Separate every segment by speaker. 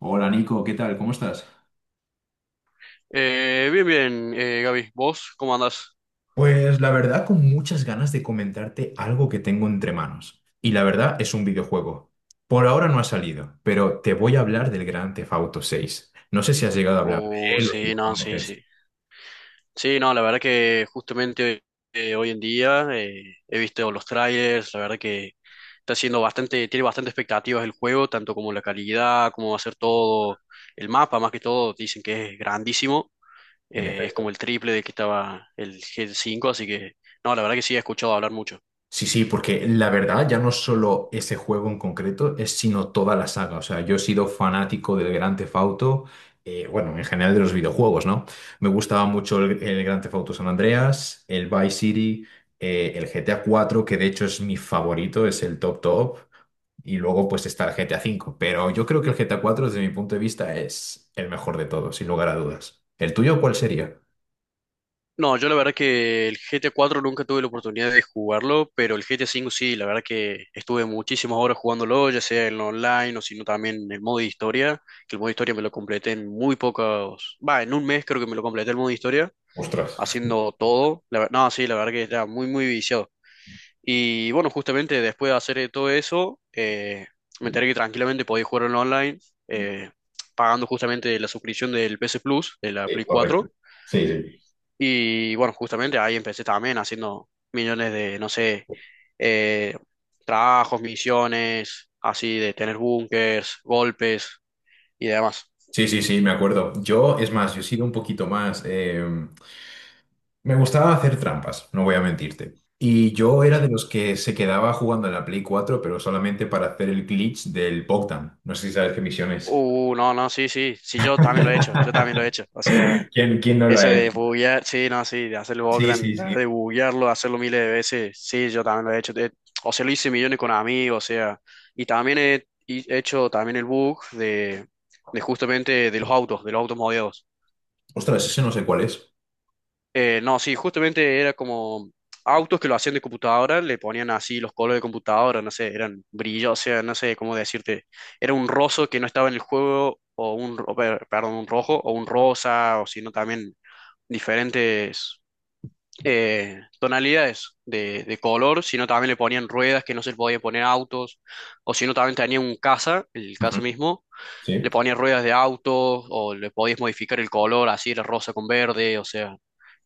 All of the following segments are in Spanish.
Speaker 1: Hola Nico, ¿qué tal? ¿Cómo estás?
Speaker 2: Bien, bien, Gaby, ¿vos cómo andás?
Speaker 1: Pues la verdad, con muchas ganas de comentarte algo que tengo entre manos. Y la verdad es un videojuego. Por ahora no ha salido, pero te voy a hablar del Grand Theft Auto 6. No sé si has llegado a hablar de
Speaker 2: Oh,
Speaker 1: él o si
Speaker 2: sí,
Speaker 1: lo
Speaker 2: no, sí,
Speaker 1: conoces.
Speaker 2: sí. Sí, no, la verdad que justamente hoy en día he visto los trailers, la verdad que está siendo bastante, tiene bastante expectativas el juego, tanto como la calidad, cómo va a ser todo, el mapa más que todo, dicen que es grandísimo.
Speaker 1: En
Speaker 2: Es
Speaker 1: efecto.
Speaker 2: como el triple de que estaba el g cinco, así que no, la verdad que sí he escuchado hablar mucho.
Speaker 1: Sí, sí, porque la verdad ya no es solo ese juego en concreto, es sino toda la saga. O sea, yo he sido fanático del Gran Theft Auto, bueno, en general de los videojuegos, ¿no? Me gustaba mucho el Gran Theft Auto San Andreas, el Vice City, el GTA 4 que de hecho es mi favorito, es el top top, y luego pues está el GTA 5. Pero yo creo que el GTA 4 desde mi punto de vista, es el mejor de todos, sin lugar a dudas. ¿El tuyo cuál sería?
Speaker 2: No, yo la verdad que el GT 4 nunca tuve la oportunidad de jugarlo, pero el GT 5 sí, la verdad que estuve muchísimas horas jugándolo, ya sea en online o sino también en el modo de historia, que el modo de historia me lo completé en muy pocos, va, en un mes creo que me lo completé el modo de historia,
Speaker 1: Ostras,
Speaker 2: haciendo todo, no, sí, la verdad que estaba muy, muy viciado. Y bueno, justamente después de hacer todo eso, me enteré que tranquilamente podía jugar en online, eh, pagando justamente la suscripción del PS Plus, de la
Speaker 1: sí,
Speaker 2: Play
Speaker 1: correcto.
Speaker 2: 4.
Speaker 1: Sí, sí.
Speaker 2: Y bueno, justamente ahí empecé también haciendo millones de, no sé, eh, trabajos, misiones, así de tener búnkers, golpes y demás.
Speaker 1: Sí, sí, sí, me acuerdo. Yo, es más, yo he sido un poquito más... me gustaba hacer trampas, no voy a mentirte. Y yo era de los que se quedaba jugando en la Play 4 pero solamente para hacer el glitch del Bogdan. No sé si sabes qué misión es.
Speaker 2: No, no, sí, sí, sí, yo también lo he hecho, yo también lo he hecho. O sea,
Speaker 1: ¿Quién, quién no lo
Speaker 2: eso
Speaker 1: ha
Speaker 2: de
Speaker 1: hecho?
Speaker 2: buguear, sí, no, sí, de hacer el
Speaker 1: Sí,
Speaker 2: Bogdan,
Speaker 1: sí, sí.
Speaker 2: de buguearlo, hacerlo miles de veces, sí, yo también lo he hecho. O sea, lo hice millones con amigos, o sea, y también he hecho también el bug de justamente de los autos modeados.
Speaker 1: Ostras, ese no sé cuál es.
Speaker 2: No, sí, justamente era como autos que lo hacían de computadora, le ponían así los colores de computadora, no sé, eran brillos, o sea, no sé cómo decirte. Era un roso que no estaba en el juego, o un, perdón, un rojo, o un rosa, o sino también diferentes tonalidades de color, sino también le ponían ruedas que no se le podía poner a autos, o sino también tenía un casa, el
Speaker 1: Ujú.
Speaker 2: casa mismo, le
Speaker 1: Sí.
Speaker 2: ponían ruedas de autos, o le podías modificar el color, así era rosa con verde, o sea,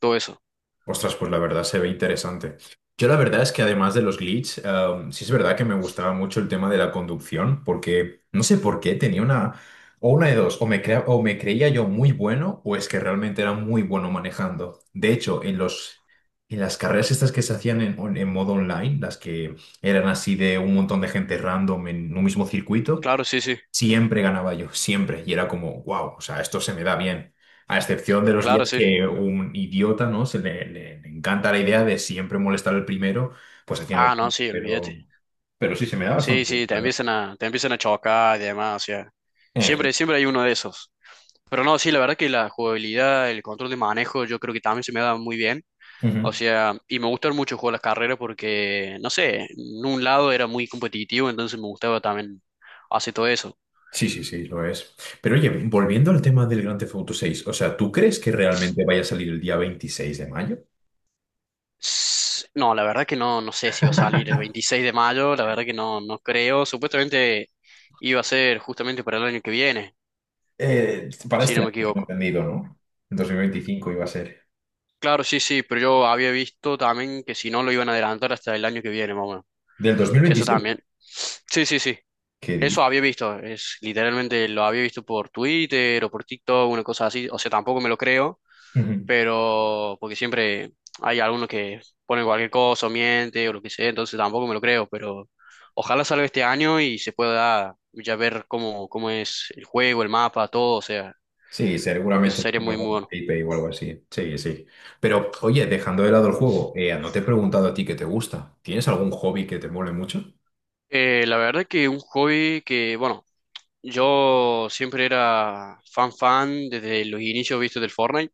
Speaker 2: todo eso.
Speaker 1: Ostras, pues la verdad se ve interesante. Yo la verdad es que además de los glitches, sí es verdad que me gustaba mucho el tema de la conducción, porque no sé por qué tenía una, o una de dos, o me creía yo muy bueno, o es que realmente era muy bueno manejando. De hecho, en las carreras estas que se hacían en modo online, las que eran así de un montón de gente random en un mismo circuito,
Speaker 2: Claro, sí, sí.
Speaker 1: siempre ganaba yo, siempre. Y era como, wow, o sea, esto se me da bien. A excepción de los
Speaker 2: Claro,
Speaker 1: días
Speaker 2: sí.
Speaker 1: que un idiota, ¿no? Se le encanta la idea de siempre molestar al primero, pues haciendo...
Speaker 2: Ah, no,
Speaker 1: todo.
Speaker 2: sí, olvídate.
Speaker 1: Pero sí, se me da
Speaker 2: Sí,
Speaker 1: bastante bien,
Speaker 2: sí,
Speaker 1: la
Speaker 2: te
Speaker 1: verdad.
Speaker 2: empiezan a, te empiezan a chocar y demás, o sea,
Speaker 1: En
Speaker 2: siempre,
Speaker 1: efecto.
Speaker 2: siempre hay uno de esos. Pero no, sí, la verdad que la jugabilidad, el control de manejo, yo creo que también se me da muy bien. O
Speaker 1: Ujú.
Speaker 2: sea, y me gustan mucho jugar las carreras porque, no sé, en un lado era muy competitivo, entonces me gustaba también hacer todo eso.
Speaker 1: Sí, sí, sí, lo es. Pero oye, volviendo al tema del Grand Theft Auto 6, o sea, ¿tú crees que realmente vaya a salir el día 26 de mayo?
Speaker 2: No, la verdad que no, no sé si va a salir el 26 de mayo, la verdad que no, no creo. Supuestamente iba a ser justamente para el año que viene,
Speaker 1: ¿Para
Speaker 2: si
Speaker 1: este
Speaker 2: no
Speaker 1: año,
Speaker 2: me
Speaker 1: tengo
Speaker 2: equivoco.
Speaker 1: entendido, no? En 2025 iba a ser.
Speaker 2: Claro, sí, sí, pero yo había visto también que si no lo iban a adelantar hasta el año que viene, más o menos.
Speaker 1: ¿Del dos mil
Speaker 2: Eso
Speaker 1: veintiséis
Speaker 2: también. Sí, sí, sí.
Speaker 1: ¿Qué
Speaker 2: Eso
Speaker 1: dices?
Speaker 2: había visto. Es literalmente lo había visto por Twitter o por TikTok, una cosa así. O sea, tampoco me lo creo,
Speaker 1: Ujú.
Speaker 2: pero porque siempre hay algunos que ponen cualquier cosa o miente o lo que sea, entonces tampoco me lo creo, pero ojalá salga este año y se pueda ya ver cómo es el juego, el mapa, todo. O sea,
Speaker 1: Sí,
Speaker 2: eso
Speaker 1: seguramente es
Speaker 2: sería muy, muy
Speaker 1: algún
Speaker 2: bueno.
Speaker 1: IP o algo así. Sí, sí. Pero, oye, dejando de lado el juego, no te he preguntado a ti qué te gusta. ¿Tienes algún hobby que te mole mucho?
Speaker 2: La verdad que un hobby que, bueno, yo siempre era fan fan desde los inicios vistos del Fortnite,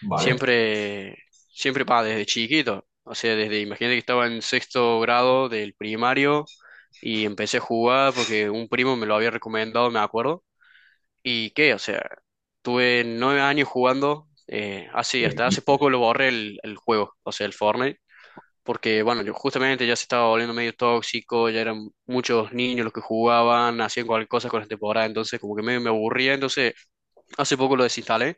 Speaker 1: Vale.
Speaker 2: siempre, siempre, pa, desde chiquito, o sea, desde, imagínate que estaba en sexto grado del primario y empecé a jugar porque un primo me lo había recomendado, me acuerdo, y qué, o sea, tuve 9 años jugando, así, hasta hace
Speaker 1: ¿Dices?
Speaker 2: poco lo borré el juego, o sea, el Fortnite porque bueno, yo justamente ya se estaba volviendo medio tóxico, ya eran muchos niños los que jugaban, hacían cualquier cosa con la temporada, entonces como que medio me aburría, entonces hace poco lo desinstalé,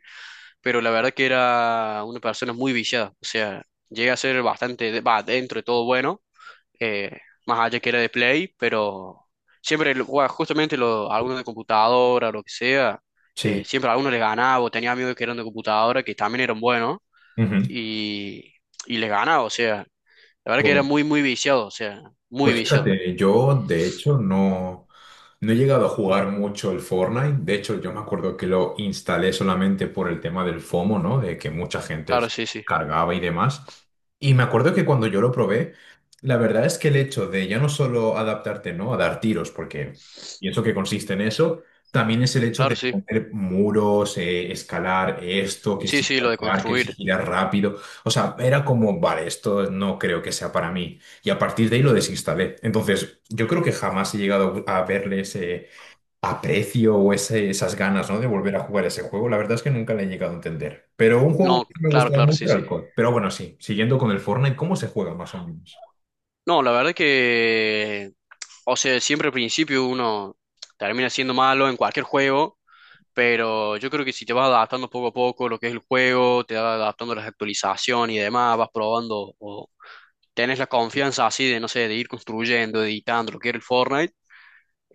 Speaker 2: pero la verdad que era una persona muy viciada, o sea, llega a ser bastante, va, dentro de todo bueno, eh, más allá que era de Play, pero siempre, bueno, justamente algunos de computadora, lo que sea,
Speaker 1: Sí.
Speaker 2: siempre a algunos les ganaba, o tenía amigos que eran de computadora, que también eran buenos,
Speaker 1: Ujú.
Speaker 2: y, y les ganaba, o sea. La verdad que era
Speaker 1: Pues
Speaker 2: muy, muy viciado, o sea, muy
Speaker 1: Pues
Speaker 2: viciado.
Speaker 1: fíjate, yo de hecho no, no he llegado a jugar mucho el Fortnite. De hecho, yo me acuerdo que lo instalé solamente por el tema del FOMO, ¿no? De que mucha gente
Speaker 2: Claro, sí,
Speaker 1: se
Speaker 2: sí.
Speaker 1: cargaba y demás. Y me acuerdo que cuando yo lo probé, la verdad es que el hecho de ya no solo adaptarte, ¿no? A dar tiros, porque pienso que consiste en eso, también es el hecho
Speaker 2: Claro,
Speaker 1: de
Speaker 2: sí.
Speaker 1: poner muros, escalar esto, que
Speaker 2: Sí,
Speaker 1: si
Speaker 2: sí, lo de
Speaker 1: saltar, que si
Speaker 2: construir.
Speaker 1: girar rápido. O sea, era como, vale, esto no creo que sea para mí. Y a partir de ahí lo desinstalé. Entonces, yo creo que jamás he llegado a verle ese aprecio o esas ganas, ¿no? de volver a jugar ese juego. La verdad es que nunca le he llegado a entender. Pero un juego
Speaker 2: No,
Speaker 1: que me
Speaker 2: claro,
Speaker 1: gustaba
Speaker 2: claro,
Speaker 1: mucho
Speaker 2: sí,
Speaker 1: era
Speaker 2: sí.
Speaker 1: el COD. Pero bueno, sí, siguiendo con el Fortnite, ¿cómo se juega más o menos?
Speaker 2: No, la verdad que, o sea, siempre al principio uno termina siendo malo en cualquier juego, pero yo creo que si te vas adaptando poco a poco lo que es el juego, te vas adaptando a las actualizaciones y demás, vas probando o tenés la confianza así de, no sé, de ir construyendo, editando lo que era el Fortnite.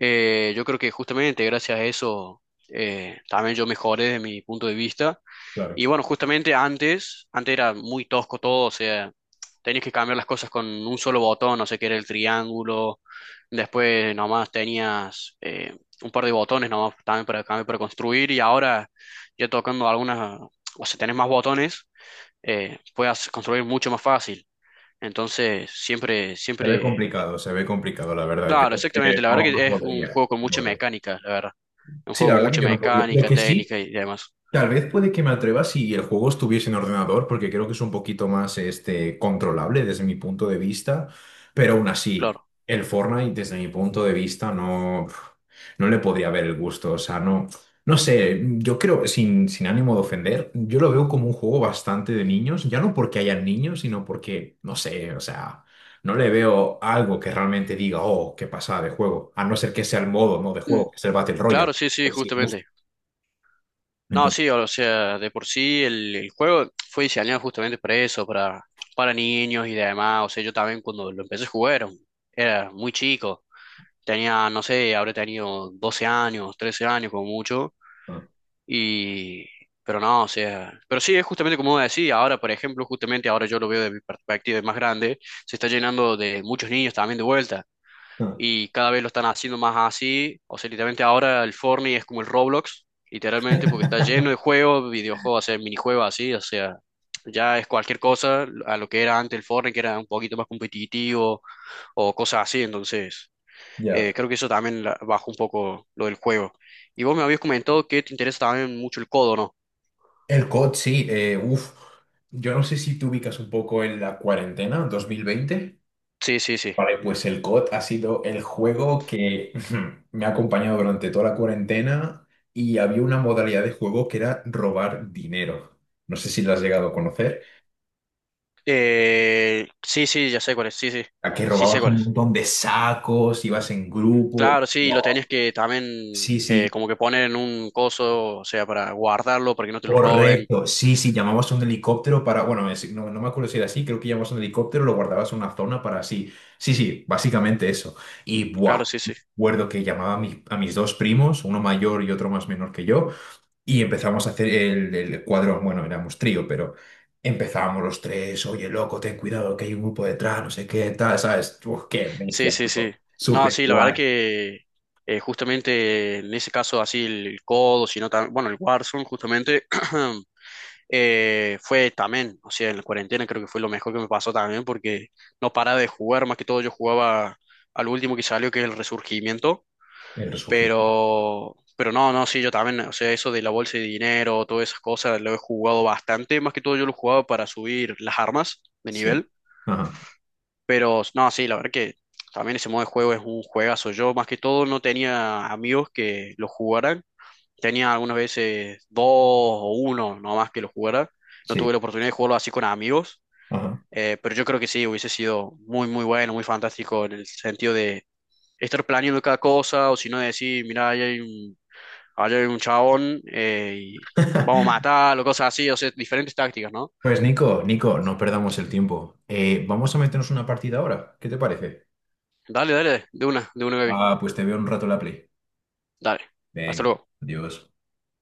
Speaker 2: Yo creo que justamente gracias a eso también yo mejoré desde mi punto de vista.
Speaker 1: Claro,
Speaker 2: Y bueno, justamente antes, antes era muy tosco todo, o sea, tenías que cambiar las cosas con un solo botón, no sé qué era el triángulo, después nomás tenías un par de botones nomás también para cambiar, para construir, y ahora ya tocando algunas, o sea, tenés más botones, puedes construir mucho más fácil. Entonces, siempre, siempre,
Speaker 1: se ve complicado, la verdad. Yo
Speaker 2: claro,
Speaker 1: es que
Speaker 2: exactamente, la verdad
Speaker 1: no, no
Speaker 2: que es un
Speaker 1: podría.
Speaker 2: juego con
Speaker 1: No
Speaker 2: mucha
Speaker 1: podría.
Speaker 2: mecánica, la verdad. Un
Speaker 1: Sí, la
Speaker 2: juego con
Speaker 1: verdad que
Speaker 2: mucha
Speaker 1: yo no podía. Lo
Speaker 2: mecánica,
Speaker 1: que sí,
Speaker 2: técnica y demás.
Speaker 1: tal vez puede que me atreva si el juego estuviese en ordenador, porque creo que es un poquito más este, controlable desde mi punto de vista, pero aún así,
Speaker 2: Claro.
Speaker 1: el Fortnite desde mi punto de vista no, no le podría ver el gusto, o sea, no, no sé, yo creo, sin ánimo de ofender, yo lo veo como un juego bastante de niños, ya no porque hayan niños, sino porque, no sé, o sea, no le veo algo que realmente diga, oh, qué pasada de juego, a no ser que sea el modo, ¿no? de juego, que es el Battle Royale,
Speaker 2: Claro, sí, sí,
Speaker 1: pues sí, justo.
Speaker 2: justamente. No,
Speaker 1: Entonces...
Speaker 2: sí, o sea, de por sí el juego fue diseñado justamente para eso, para niños y demás. O sea, yo también cuando lo empecé a jugar era muy chico. Tenía, no sé, habré tenido 12 años, 13 años como mucho.
Speaker 1: ah,
Speaker 2: Y, pero no, o sea, pero sí, es justamente como decía, ahora, por ejemplo, justamente ahora yo lo veo de mi perspectiva de más grande, se está llenando de muchos niños también de vuelta
Speaker 1: ah.
Speaker 2: y cada vez lo están haciendo más así. O sea, literalmente ahora el Fortnite es como el Roblox, literalmente, porque está lleno de juegos, videojuegos, o sea, minijuegos así, o sea, ya es cualquier cosa a lo que era antes el Fortnite, que era un poquito más competitivo o cosas así, entonces
Speaker 1: Ya.
Speaker 2: creo que eso también bajó un poco lo del juego. Y vos me habías comentado que te interesa también mucho el codo, ¿no?
Speaker 1: El COD, sí, uf. Yo no sé si te ubicas un poco en la cuarentena 2020.
Speaker 2: Sí, sí, sí.
Speaker 1: Vale, pues el COD ha sido el juego que me ha acompañado durante toda la cuarentena y había una modalidad de juego que era robar dinero. No sé si lo has llegado a conocer.
Speaker 2: Sí, sí, ya sé cuál es, sí, sí,
Speaker 1: A que
Speaker 2: sí sé
Speaker 1: robabas
Speaker 2: cuál
Speaker 1: un
Speaker 2: es.
Speaker 1: montón de sacos, ibas en grupo.
Speaker 2: Claro, sí, lo
Speaker 1: Oh,
Speaker 2: tenías que también
Speaker 1: sí, sí.
Speaker 2: como que poner en un coso, o sea, para guardarlo, para que no te lo roben.
Speaker 1: Correcto, sí, sí, llamabas a un helicóptero para, bueno, no, no me acuerdo si era así, creo que llamabas a un helicóptero, lo guardabas en una zona para así, sí, sí, básicamente eso. Y, buah,
Speaker 2: Claro, sí, sí.
Speaker 1: recuerdo que llamaba a mis dos primos, uno mayor y otro más menor que yo, y empezamos a hacer el cuadro, bueno, éramos trío, pero empezábamos los tres, oye, loco, ten cuidado, que hay un grupo detrás, no sé qué, tal, ¿sabes? Uf, qué
Speaker 2: Sí,
Speaker 1: bestia,
Speaker 2: sí, sí.
Speaker 1: loco.
Speaker 2: No,
Speaker 1: Súper
Speaker 2: sí, la verdad
Speaker 1: guay
Speaker 2: que justamente en ese caso así el codo, sino también, bueno, el Warzone justamente fue también, o sea, en la cuarentena creo que fue lo mejor que me pasó también porque no paraba de jugar, más que todo yo jugaba al último que salió, que es el Resurgimiento.
Speaker 1: el resurgir.
Speaker 2: Pero no, no, sí, yo también, o sea, eso de la bolsa de dinero, todas esas cosas, lo he jugado bastante. Más que todo yo lo he jugado para subir las armas de
Speaker 1: Sí,
Speaker 2: nivel.
Speaker 1: ajá,
Speaker 2: Pero no, sí, la verdad que también ese modo de juego es un juegazo. Yo más que todo no tenía amigos que lo jugaran. Tenía algunas veces dos o uno nomás que lo jugara. No
Speaker 1: sí,
Speaker 2: tuve la oportunidad de jugarlo así con amigos.
Speaker 1: ajá.
Speaker 2: Pero yo creo que sí, hubiese sido muy, muy bueno, muy fantástico en el sentido de estar planeando cada cosa, o si no decir, mira, ahí hay un vaya, un chabón, y vamos a matarlo, cosas así, o sea, diferentes tácticas, ¿no?
Speaker 1: Pues Nico, Nico, no perdamos el tiempo. Vamos a meternos una partida ahora. ¿Qué te parece?
Speaker 2: Dale, dale, de una, baby.
Speaker 1: Ah, pues te veo en un rato en la Play.
Speaker 2: Dale. Hasta
Speaker 1: Venga,
Speaker 2: luego.
Speaker 1: adiós.